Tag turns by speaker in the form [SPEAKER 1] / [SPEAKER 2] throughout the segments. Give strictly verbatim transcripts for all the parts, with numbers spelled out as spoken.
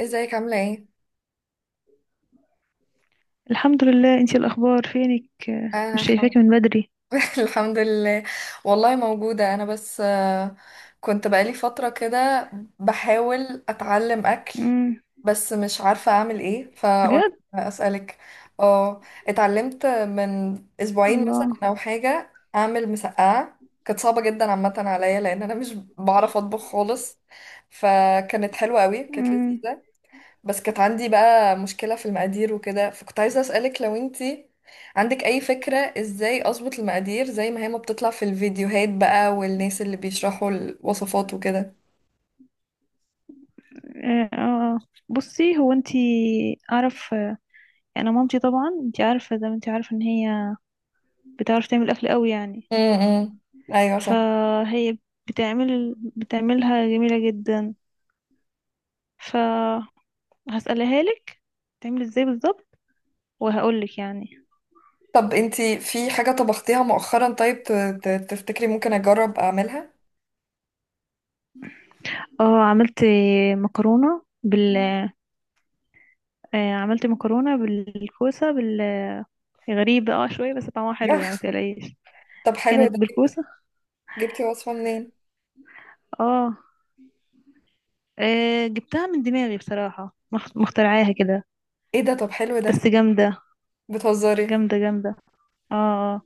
[SPEAKER 1] ازيك عاملة ايه؟
[SPEAKER 2] الحمد لله، انتي الاخبار؟ فينك، آه، مش
[SPEAKER 1] انا الحمد
[SPEAKER 2] شايفاكي من بدري.
[SPEAKER 1] الحمد لله. والله موجودة انا بس آه، كنت بقالي فترة كده بحاول اتعلم اكل.
[SPEAKER 2] امم.
[SPEAKER 1] بس مش عارفة اعمل ايه فقلت
[SPEAKER 2] بجد.
[SPEAKER 1] اسألك. اه، اتعلمت من اسبوعين مثلا
[SPEAKER 2] الله.
[SPEAKER 1] او حاجة اعمل مسقعة، كانت صعبة جدا عامة عليا لان انا مش بعرف اطبخ خالص. فكانت حلوة قوي، كانت
[SPEAKER 2] امم.
[SPEAKER 1] لذيذة. بس كانت عندي بقى مشكلة في المقادير وكده، فكنت عايزة أسألك لو انتي عندك أي فكرة ازاي أظبط المقادير زي ما هي، ما بتطلع في الفيديوهات بقى والناس اللي بيشرحوا الوصفات وكده.
[SPEAKER 2] اه. آه. بصي، هو انتي اعرف، آه، انا مامتي طبعا انتي عارفه، زي ما انتي عارفه ان هي بتعرف تعمل اكل قوي يعني.
[SPEAKER 1] امم، أيوة صح.
[SPEAKER 2] فهي بتعمل بتعملها جميله جدا. فهسألها لك تعمل ازاي بالظبط وهقول لك يعني.
[SPEAKER 1] طب انتي في حاجة طبختيها مؤخرا طيب ت- ت- تفتكري ممكن أجرب أعملها؟
[SPEAKER 2] اه، عملت مكرونه بال
[SPEAKER 1] مم.
[SPEAKER 2] آه، عملت مكرونه بالكوسه. غريبة اه شوية بس طعمها حلو يعني، متقلقيش.
[SPEAKER 1] طب حلو
[SPEAKER 2] كانت
[SPEAKER 1] ده.
[SPEAKER 2] بالكوسة.
[SPEAKER 1] جبتي وصفة منين؟
[SPEAKER 2] اه، آه، جبتها من دماغي بصراحة، مخ- مخترعاها كده.
[SPEAKER 1] ايه ده طب حلو
[SPEAKER 2] بس
[SPEAKER 1] ده.
[SPEAKER 2] جامدة،
[SPEAKER 1] بتهزري.
[SPEAKER 2] جامدة جامدة. اه آه.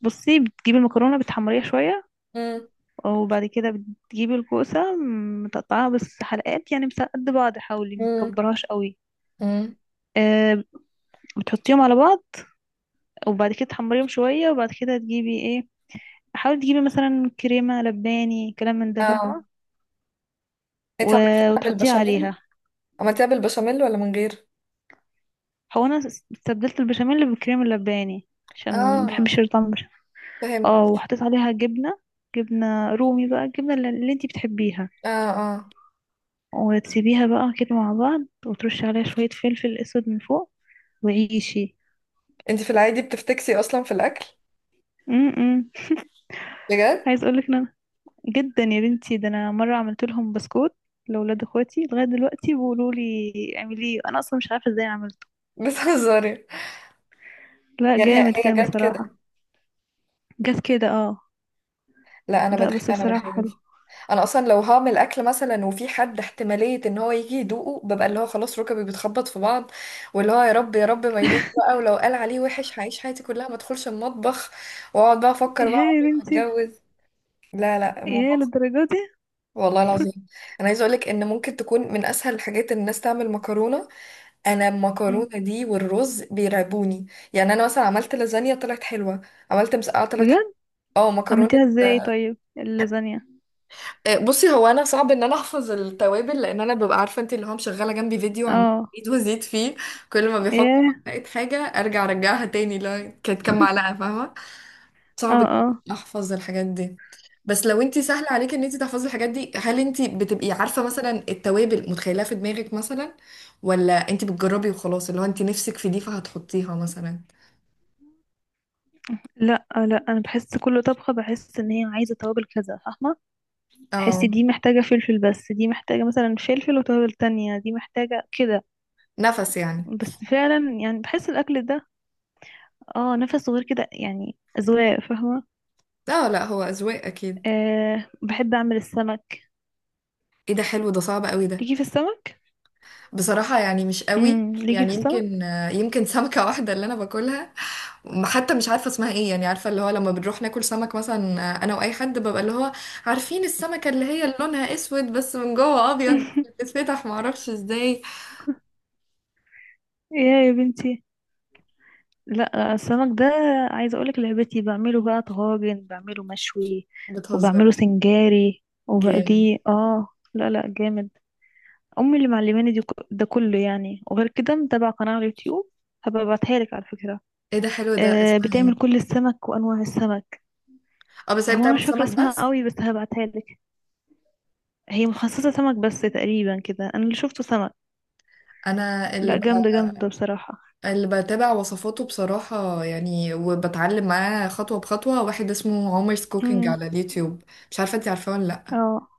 [SPEAKER 2] بصي، بتجيبي المكرونة بتحمريها شوية.
[SPEAKER 1] امم،
[SPEAKER 2] وبعد كده بتجيبي الكوسة، م، متقطعاها بس حلقات يعني، بس قد بعض، حاولي
[SPEAKER 1] امم،
[SPEAKER 2] متكبرهاش قوي.
[SPEAKER 1] امم.
[SPEAKER 2] آه، بتحطيهم على بعض وبعد كده تحمريهم شوية. وبعد كده تجيبي ايه، حاولي تجيبي مثلا كريمة لباني، كلام من ده،
[SPEAKER 1] اه،
[SPEAKER 2] فاهمة؟
[SPEAKER 1] انتي
[SPEAKER 2] و-
[SPEAKER 1] عملتيها
[SPEAKER 2] وتحطيها
[SPEAKER 1] بالبشاميل؟
[SPEAKER 2] عليها.
[SPEAKER 1] عملتيها بالبشاميل ولا من غير؟
[SPEAKER 2] هو انا استبدلت البشاميل بالكريم اللباني عشان ما
[SPEAKER 1] اه،
[SPEAKER 2] بحبش طعم البشاميل.
[SPEAKER 1] فاهم.
[SPEAKER 2] اه، وحطيت عليها جبنه، جبنه رومي بقى، الجبنه اللي اللي انتي بتحبيها.
[SPEAKER 1] اه اه.
[SPEAKER 2] وتسيبيها بقى كده مع بعض، وترشي عليها شويه فلفل اسود من فوق وعيشي.
[SPEAKER 1] انت في العادي بتفتكسي اصلا في الاكل؟
[SPEAKER 2] امم.
[SPEAKER 1] بجد؟
[SPEAKER 2] عايز اقولك ان انا جدا يا بنتي، ده انا مره عملت لهم بسكوت لاولاد اخواتي، لغايه دلوقتي بيقولوا لي اعمليه، انا اصلا مش عارفه ازاي عملته.
[SPEAKER 1] بتهزري.
[SPEAKER 2] لا،
[SPEAKER 1] يعني هي
[SPEAKER 2] جامد
[SPEAKER 1] هي
[SPEAKER 2] كان
[SPEAKER 1] جت
[SPEAKER 2] بصراحه.
[SPEAKER 1] كده.
[SPEAKER 2] جت كده اه.
[SPEAKER 1] لا، انا
[SPEAKER 2] لا
[SPEAKER 1] بدخ...
[SPEAKER 2] بس
[SPEAKER 1] انا
[SPEAKER 2] بصراحه حلو.
[SPEAKER 1] بخاف. انا اصلا لو هعمل اكل مثلا وفي حد احتماليه ان هو يجي يدوقه، ببقى اللي هو خلاص ركبي بتخبط في بعض، واللي هو يا رب يا رب ما يدوق بقى، ولو قال عليه وحش هعيش حياتي كلها ما ادخلش المطبخ، واقعد بقى
[SPEAKER 2] ايه
[SPEAKER 1] افكر بقى
[SPEAKER 2] يا
[SPEAKER 1] عمري ما
[SPEAKER 2] بنتي،
[SPEAKER 1] هتجوز. لا لا،
[SPEAKER 2] ايه
[SPEAKER 1] الموضوع صعب.
[SPEAKER 2] للدرجه دي؟
[SPEAKER 1] والله العظيم. انا عايزه اقولك ان ممكن تكون من اسهل الحاجات ان الناس تعمل مكرونه. انا
[SPEAKER 2] مم.
[SPEAKER 1] المكرونه دي والرز بيرعبوني. يعني انا مثلا عملت لازانيا طلعت حلوه، عملت مسقعه طلعت حلوه.
[SPEAKER 2] بجد.
[SPEAKER 1] اه، مكرونه.
[SPEAKER 2] عملتيها ازاي طيب اللازانيا؟
[SPEAKER 1] آه، بصي، هو انا صعب ان انا احفظ التوابل، لان انا ببقى عارفه انت اللي هو مشغله جنبي فيديو، عم
[SPEAKER 2] اه.
[SPEAKER 1] ازيد وازيد فيه. كل ما بيحط
[SPEAKER 2] ايه.
[SPEAKER 1] معلقه حاجه ارجع ارجعها تاني، لا كانت كام معلقه فاهمه. صعب
[SPEAKER 2] اه
[SPEAKER 1] جدا
[SPEAKER 2] اه.
[SPEAKER 1] احفظ الحاجات دي. بس لو انت سهل عليك ان انت تحفظي الحاجات دي، هل انت بتبقي عارفه مثلا التوابل متخيلها في دماغك مثلا، ولا انت بتجربي وخلاص اللي هو انت نفسك في دي فهتحطيها مثلا.
[SPEAKER 2] لا لا، انا بحس كل طبخه بحس ان هي عايزه توابل كذا، فاهمه؟ بحس
[SPEAKER 1] اه،
[SPEAKER 2] دي محتاجه فلفل، بس دي محتاجه مثلا فلفل وتوابل تانية، دي محتاجه كده.
[SPEAKER 1] نفس يعني.
[SPEAKER 2] بس فعلا يعني بحس الاكل ده، اه، نفس صغير كده يعني، اذواق، فاهمه؟
[SPEAKER 1] اه، لا هو اذواق اكيد.
[SPEAKER 2] آه، بحب اعمل السمك.
[SPEAKER 1] ايه ده حلو ده، صعب قوي ده.
[SPEAKER 2] ليكي في السمك؟
[SPEAKER 1] بصراحة يعني مش قوي.
[SPEAKER 2] امم، ليكي في
[SPEAKER 1] يعني
[SPEAKER 2] السمك؟
[SPEAKER 1] يمكن يمكن سمكة واحدة اللي أنا باكلها. ما- حتى مش عارفة اسمها إيه. يعني عارفة اللي هو لما بنروح ناكل سمك مثلا، أنا وأي حد ببقى اللي هو عارفين السمكة اللي هي اللي لونها أسود بس من جوه أبيض بس بتتفتح معرفش إزاي.
[SPEAKER 2] ايه يا بنتي، لا السمك ده عايزه اقولك لعبتي، بعمله بقى طواجن، بعمله مشوي
[SPEAKER 1] بتهزر؟
[SPEAKER 2] وبعمله سنجاري
[SPEAKER 1] جامد.
[SPEAKER 2] وبقليه. اه. لا لا جامد. امي اللي معلماني دي، ك- ده كله يعني. وغير كده متابعه قناه على اليوتيوب، هبقى ابعتها لك على فكره.
[SPEAKER 1] إيه ده حلو ده،
[SPEAKER 2] آه،
[SPEAKER 1] اسمها
[SPEAKER 2] بتعمل
[SPEAKER 1] إيه؟
[SPEAKER 2] كل السمك وانواع السمك.
[SPEAKER 1] أه بس هي
[SPEAKER 2] هو انا
[SPEAKER 1] بتعمل
[SPEAKER 2] مش فاكره
[SPEAKER 1] سمك
[SPEAKER 2] اسمها
[SPEAKER 1] بس؟
[SPEAKER 2] قوي بس هبعتها لك. هي مخصصه سمك بس تقريبا كده، انا اللي شفته سمك.
[SPEAKER 1] أنا اللي
[SPEAKER 2] لا،
[SPEAKER 1] ب...
[SPEAKER 2] جامده جامده بصراحه.
[SPEAKER 1] اللي بتابع وصفاته بصراحة يعني وبتعلم معاه خطوة بخطوة، واحد اسمه عمر's كوكينج
[SPEAKER 2] امم.
[SPEAKER 1] على اليوتيوب. مش عارفة انتي عارفاه ولا لأ.
[SPEAKER 2] اه،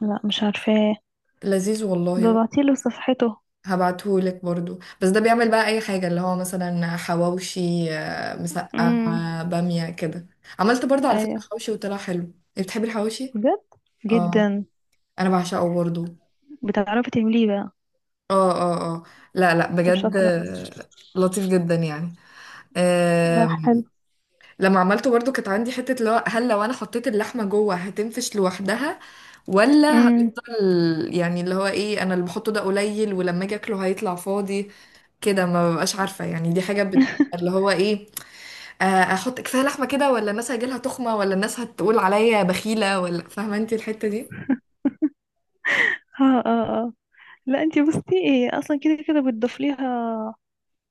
[SPEAKER 2] لا مش عارفاه.
[SPEAKER 1] لذيذ والله.
[SPEAKER 2] ببعتيله صفحته.
[SPEAKER 1] هبعتهولك برضو. بس ده بيعمل بقى اي حاجة، اللي هو مثلا حواوشي، آه،
[SPEAKER 2] امم.
[SPEAKER 1] مسقعة، بامية كده. عملت برضو على فكرة
[SPEAKER 2] ايوه،
[SPEAKER 1] حواوشي وطلع حلو، إيه، بتحبي الحواوشي؟
[SPEAKER 2] بجد،
[SPEAKER 1] اه،
[SPEAKER 2] جدا.
[SPEAKER 1] انا بعشقه برضو.
[SPEAKER 2] بتعرفي تعمليه بقى؟
[SPEAKER 1] اه اه اه. لا لا
[SPEAKER 2] طب
[SPEAKER 1] بجد،
[SPEAKER 2] شاطرة.
[SPEAKER 1] آه، لطيف جدا يعني.
[SPEAKER 2] لا
[SPEAKER 1] آه،
[SPEAKER 2] حلو.
[SPEAKER 1] لما عملته برضو كانت عندي حتة اللي هو هل لو انا حطيت اللحمة جوه هتنفش لوحدها، ولا
[SPEAKER 2] امم.
[SPEAKER 1] هتفضل يعني اللي هو ايه انا اللي بحطه ده قليل ولما اجي اكله هيطلع فاضي كده. ما ببقاش عارفة يعني دي حاجة بت... اللي هو ايه، آه، احط كفاية لحمة كده، ولا الناس هيجيلها تخمة، ولا الناس هتقول عليا بخيلة، ولا فاهمة انت الحتة دي.
[SPEAKER 2] اه اه اه. لا انتي بصي، ايه اصلا كده كده بتضيف ليها،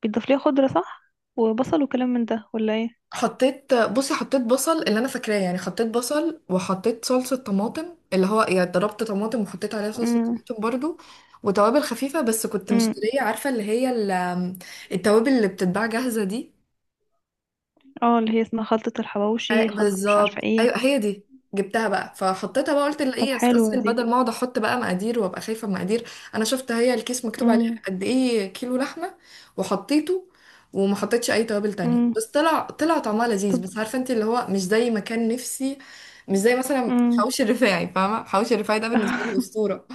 [SPEAKER 2] بتضيف ليها خضرة، صح؟ وبصل وكلام من ده، ولا ايه؟
[SPEAKER 1] حطيت، بصي حطيت بصل اللي انا فاكراه، يعني حطيت بصل وحطيت صلصة طماطم، اللي هو يعني ضربت طماطم وحطيت عليها صلصة
[SPEAKER 2] امم.
[SPEAKER 1] طماطم برضو، وتوابل خفيفة. بس كنت
[SPEAKER 2] امم.
[SPEAKER 1] مشترية عارفة اللي هي ال- التوابل اللي بتتباع جاهزة دي.
[SPEAKER 2] اه، اللي هي اسمها خلطة الحواوشي،
[SPEAKER 1] أي-
[SPEAKER 2] خلطة مش عارفة
[SPEAKER 1] بالظبط،
[SPEAKER 2] ايه.
[SPEAKER 1] ايوه هي دي. جبتها بقى فحطيتها بقى، قلت لا
[SPEAKER 2] طب
[SPEAKER 1] ايه
[SPEAKER 2] حلوة
[SPEAKER 1] استسهل
[SPEAKER 2] دي.
[SPEAKER 1] بدل ما اقعد احط بقى مقادير وابقى خايفه من مقادير. انا شفت هي الكيس مكتوب عليها
[SPEAKER 2] امم.
[SPEAKER 1] قد ايه كيلو لحمه، وحطيته. وما حطيتش اي توابل تانية،
[SPEAKER 2] امم.
[SPEAKER 1] بس طلع طلع طعمها
[SPEAKER 2] طب.
[SPEAKER 1] لذيذ. بس عارفه انت اللي هو مش زي ما كان نفسي، مش زي مثلا
[SPEAKER 2] امم.
[SPEAKER 1] حواوشي الرفاعي، فاهمه حواوشي الرفاعي ده بالنسبه لي اسطوره.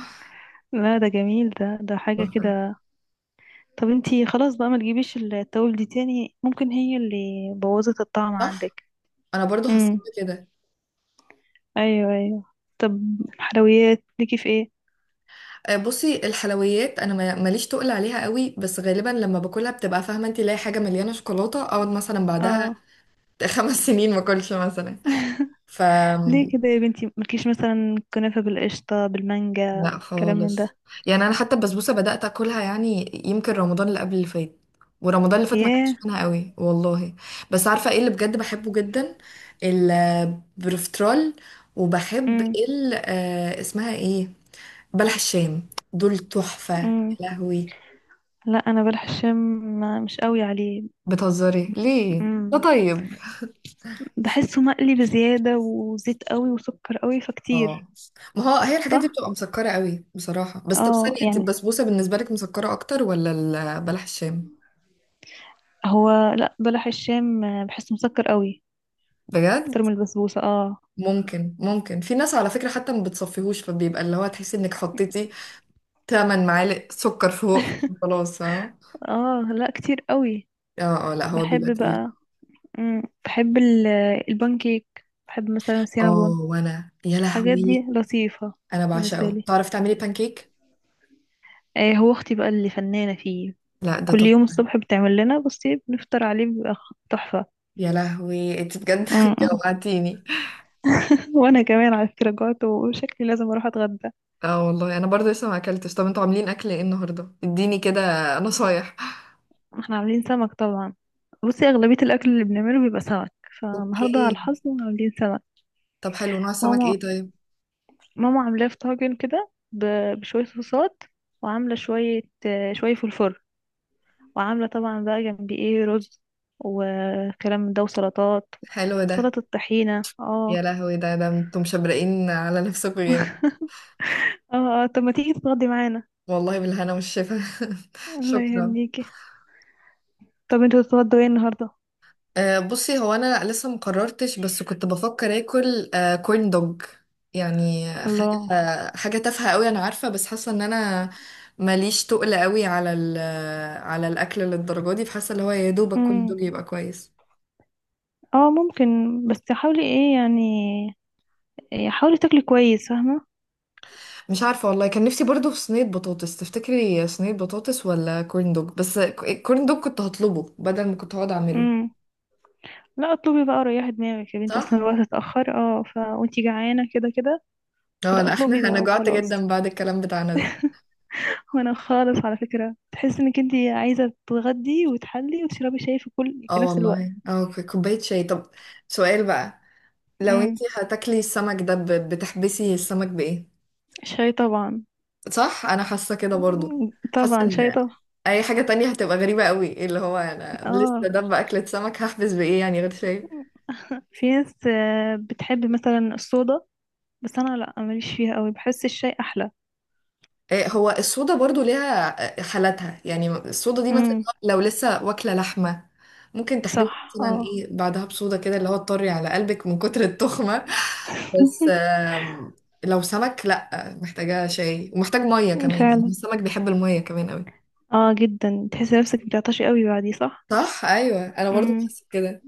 [SPEAKER 2] لا ده جميل، ده ده حاجة كده. طب انتي خلاص بقى ما تجيبيش التوابل دي تاني، ممكن هي اللي بوظت الطعم
[SPEAKER 1] صح،
[SPEAKER 2] عندك.
[SPEAKER 1] انا برضو حسيت كده.
[SPEAKER 2] ايوه ايوه. طب، حلويات ليكي في ايه؟
[SPEAKER 1] آه، بصي الحلويات انا ما- ماليش تقل عليها قوي. بس غالبا لما باكلها بتبقى فاهمه انت لاقي حاجه مليانه شوكولاته، اقعد مثلا بعدها
[SPEAKER 2] اه.
[SPEAKER 1] خمس سنين ما اكلش مثلا. ف،
[SPEAKER 2] ليه كده يا بنتي؟ مالكيش مثلا كنافة بالقشطة بالمانجا،
[SPEAKER 1] لا
[SPEAKER 2] كلام من ده.
[SPEAKER 1] خالص. يعني انا حتى البسبوسه بدات اكلها يعني يمكن رمضان اللي قبل اللي فات، ورمضان اللي فات ما
[SPEAKER 2] ياه.
[SPEAKER 1] كانتش منها قوي والله. بس عارفه ايه اللي بجد بحبه جدا؟ البروفترول. وبحب
[SPEAKER 2] امم.
[SPEAKER 1] ال، آه، اسمها ايه، بلح الشام، دول تحفه يا
[SPEAKER 2] امم.
[SPEAKER 1] لهوي.
[SPEAKER 2] لا انا بلح الشام ما- مش قوي عليه.
[SPEAKER 1] بتهزري ليه، ده
[SPEAKER 2] امم.
[SPEAKER 1] طيب.
[SPEAKER 2] بحسه مقلي بزيادة، وزيت قوي وسكر قوي فكتير.
[SPEAKER 1] اه، ما هو هي الحاجات دي
[SPEAKER 2] صح.
[SPEAKER 1] بتبقى مسكرة قوي بصراحة. بس طب
[SPEAKER 2] اه،
[SPEAKER 1] ثانية، انت
[SPEAKER 2] يعني
[SPEAKER 1] البسبوسة بالنسبة لك مسكرة اكتر، ولا ال- بلح الشام؟
[SPEAKER 2] هو، لا بلح الشام بحسه مسكر قوي اكتر
[SPEAKER 1] بجد.
[SPEAKER 2] من البسبوسة. اه.
[SPEAKER 1] ممكن ممكن في ناس على فكرة حتى ما بتصفيهوش، فبيبقى اللي هو تحسي انك حطيتي ثمانية معالق سكر فوق. خلاص اه.
[SPEAKER 2] اه لا كتير قوي.
[SPEAKER 1] اه اه، لا هو بيبقى
[SPEAKER 2] بحب
[SPEAKER 1] تقيل.
[SPEAKER 2] بقى، مم، بحب ال- البانكيك، بحب مثلا
[SPEAKER 1] اه
[SPEAKER 2] السينابون،
[SPEAKER 1] وانا يا
[SPEAKER 2] الحاجات دي
[SPEAKER 1] لهوي،
[SPEAKER 2] لطيفة
[SPEAKER 1] انا
[SPEAKER 2] بالنسبة
[SPEAKER 1] بعشقه.
[SPEAKER 2] لي.
[SPEAKER 1] تعرفي تعملي بانكيك؟
[SPEAKER 2] آه، هو اختي بقى اللي فنانة فيه.
[SPEAKER 1] لا ده
[SPEAKER 2] كل
[SPEAKER 1] طب.
[SPEAKER 2] يوم الصبح بتعمل لنا، بصي بنفطر عليه، بيبقى خ- تحفة.
[SPEAKER 1] يا لهوي، انت بجد
[SPEAKER 2] مم.
[SPEAKER 1] جوعتيني.
[SPEAKER 2] وانا كمان على فكرة جوعت، وشكلي لازم اروح اتغدى.
[SPEAKER 1] اه والله، انا برضه لسه ما اكلتش. طب انتوا عاملين اكل ايه النهارده، اديني كده نصايح.
[SPEAKER 2] احنا عاملين سمك طبعا. بصي اغلبية الاكل اللي بنعمله بيبقى سمك، فالنهاردة على
[SPEAKER 1] اوكي.
[SPEAKER 2] الحظ عاملين سمك.
[SPEAKER 1] طب حلو، نوع السمك ايه
[SPEAKER 2] ماما،
[SPEAKER 1] طيب؟
[SPEAKER 2] ماما عاملاه في طاجن كده، ب- بشوية صوصات. وعاملة شوية آه، شوية فلفل. وعاملة طبعا بقى جنبي ايه، رز وكلام من ده وسلطات،
[SPEAKER 1] حلو ده.
[SPEAKER 2] سلطة طحينة. اه.
[SPEAKER 1] يا لهوي ده ده انتوا مشبرقين على نفسكم جامد.
[SPEAKER 2] اه اه، طب ما تيجي تتغدي معانا.
[SPEAKER 1] والله بالهنا والشفا.
[SPEAKER 2] الله
[SPEAKER 1] شكرا.
[SPEAKER 2] يهنيكي. طب انتوا تتغدوا ايه النهاردة؟
[SPEAKER 1] أه بصي، هو انا لسه مقررتش، بس كنت بفكر اكل أه كورن دوج. يعني حاجه،
[SPEAKER 2] الله.
[SPEAKER 1] آه، حاجه تافهه قوي انا عارفه، بس حاسه ان انا ماليش تقل قوي على ال- على الاكل للدرجه دي، فحاسه اللي هو يا دوبك كورن
[SPEAKER 2] امم.
[SPEAKER 1] دوج يبقى كويس.
[SPEAKER 2] اه ممكن، بس حاولي ايه يعني، إيه، حاولي تاكلي كويس، فاهمة؟
[SPEAKER 1] مش عارفة والله، كان نفسي برضو في صينية بطاطس. تفتكري صينية بطاطس ولا كورن دوج؟ بس الكورن دوج كنت هطلبه بدل ما كنت هقعد اعمله.
[SPEAKER 2] امم. لا اطلبي بقى، ريحي دماغك يا بنتي،
[SPEAKER 1] صح؟
[SPEAKER 2] اصلا الوقت اتأخر، اه ف، وانتي جعانة كده كده.
[SPEAKER 1] اه
[SPEAKER 2] فلا
[SPEAKER 1] لا احنا،
[SPEAKER 2] اطلبي
[SPEAKER 1] انا
[SPEAKER 2] بقى
[SPEAKER 1] جوعت
[SPEAKER 2] وخلاص.
[SPEAKER 1] جدا بعد الكلام بتاعنا ده.
[SPEAKER 2] وانا خالص على فكرة تحس انك انتي عايزة تتغدي وتحلي وتشربي شاي في كل في
[SPEAKER 1] اه
[SPEAKER 2] نفس الوقت.
[SPEAKER 1] والله اه، ك- كوباية شاي. طب سؤال بقى، لو
[SPEAKER 2] امم.
[SPEAKER 1] انتي هتاكلي السمك ده ب- بتحبسي السمك بايه؟
[SPEAKER 2] شاي طبعا.
[SPEAKER 1] صح انا حاسة كده برضو.
[SPEAKER 2] مم،
[SPEAKER 1] حاسة
[SPEAKER 2] طبعا شاي
[SPEAKER 1] ان
[SPEAKER 2] طبعا.
[SPEAKER 1] اي حاجة تانية هتبقى غريبة قوي، اللي هو انا لسه
[SPEAKER 2] اه،
[SPEAKER 1] ده اكلة سمك هحبس بايه يعني غير شاي.
[SPEAKER 2] في ناس آه، بتحب مثلا الصودا. بس انا لا، ماليش فيها قوي، بحس الشاي احلى.
[SPEAKER 1] آه، هو الصودا برضو ليها آه، حالاتها. يعني الصودا دي مثلا
[SPEAKER 2] امم.
[SPEAKER 1] لو لسه واكلة لحمة ممكن تحبيها
[SPEAKER 2] صح
[SPEAKER 1] مثلا
[SPEAKER 2] اه.
[SPEAKER 1] ايه بعدها بصودا كده اللي هو تطري على قلبك من كتر التخمة. بس آم، لو سمك لا، محتاجة شاي ومحتاج مية كمان، يعني
[SPEAKER 2] فعلا،
[SPEAKER 1] السمك بيحب المية كمان قوي.
[SPEAKER 2] اه جدا، تحس نفسك بتعطشي قوي بعديه، صح؟
[SPEAKER 1] صح، ايوه انا برضو
[SPEAKER 2] امم.
[SPEAKER 1] بحس كده.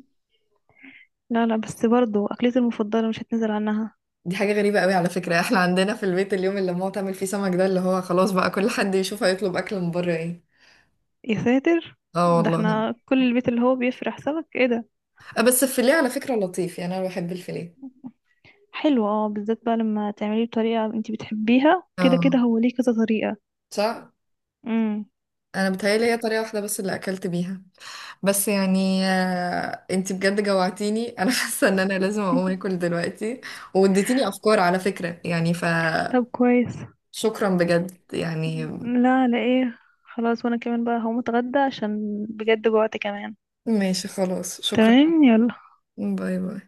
[SPEAKER 2] لا لا بس برضو اكلتي المفضله مش هتنزل عنها.
[SPEAKER 1] دي حاجة غريبة قوي على فكرة، احنا عندنا في البيت اليوم اللي ماما تعمل فيه سمك ده اللي هو خلاص بقى كل حد يشوف هيطلب اكل من بره ايه.
[SPEAKER 2] يا ساتر،
[SPEAKER 1] اه
[SPEAKER 2] ده
[SPEAKER 1] والله.
[SPEAKER 2] احنا كل البيت اللي هو بيفرح سمك، ايه ده؟
[SPEAKER 1] آه، بس الفيليه على فكرة لطيف يعني، انا بحب الفيليه.
[SPEAKER 2] حلو اه، بالذات بقى لما تعمليه بطريقه انت بتحبيها، كده كده
[SPEAKER 1] اه،
[SPEAKER 2] هو ليه كذا طريقه.
[SPEAKER 1] صح.
[SPEAKER 2] امم.
[SPEAKER 1] انا بتهيالي هي طريقه واحده بس اللي اكلت بيها. بس يعني آه، انتي بجد جوعتيني انا حاسه ان انا لازم اقوم اكل دلوقتي، واديتيني افكار على فكره يعني. ف،
[SPEAKER 2] طب كويس.
[SPEAKER 1] شكرا بجد يعني.
[SPEAKER 2] لا لا ايه خلاص، وانا كمان بقى هقوم اتغدى عشان بجد جوعت كمان.
[SPEAKER 1] ماشي خلاص، شكرا.
[SPEAKER 2] تمام، يلا.
[SPEAKER 1] باي باي.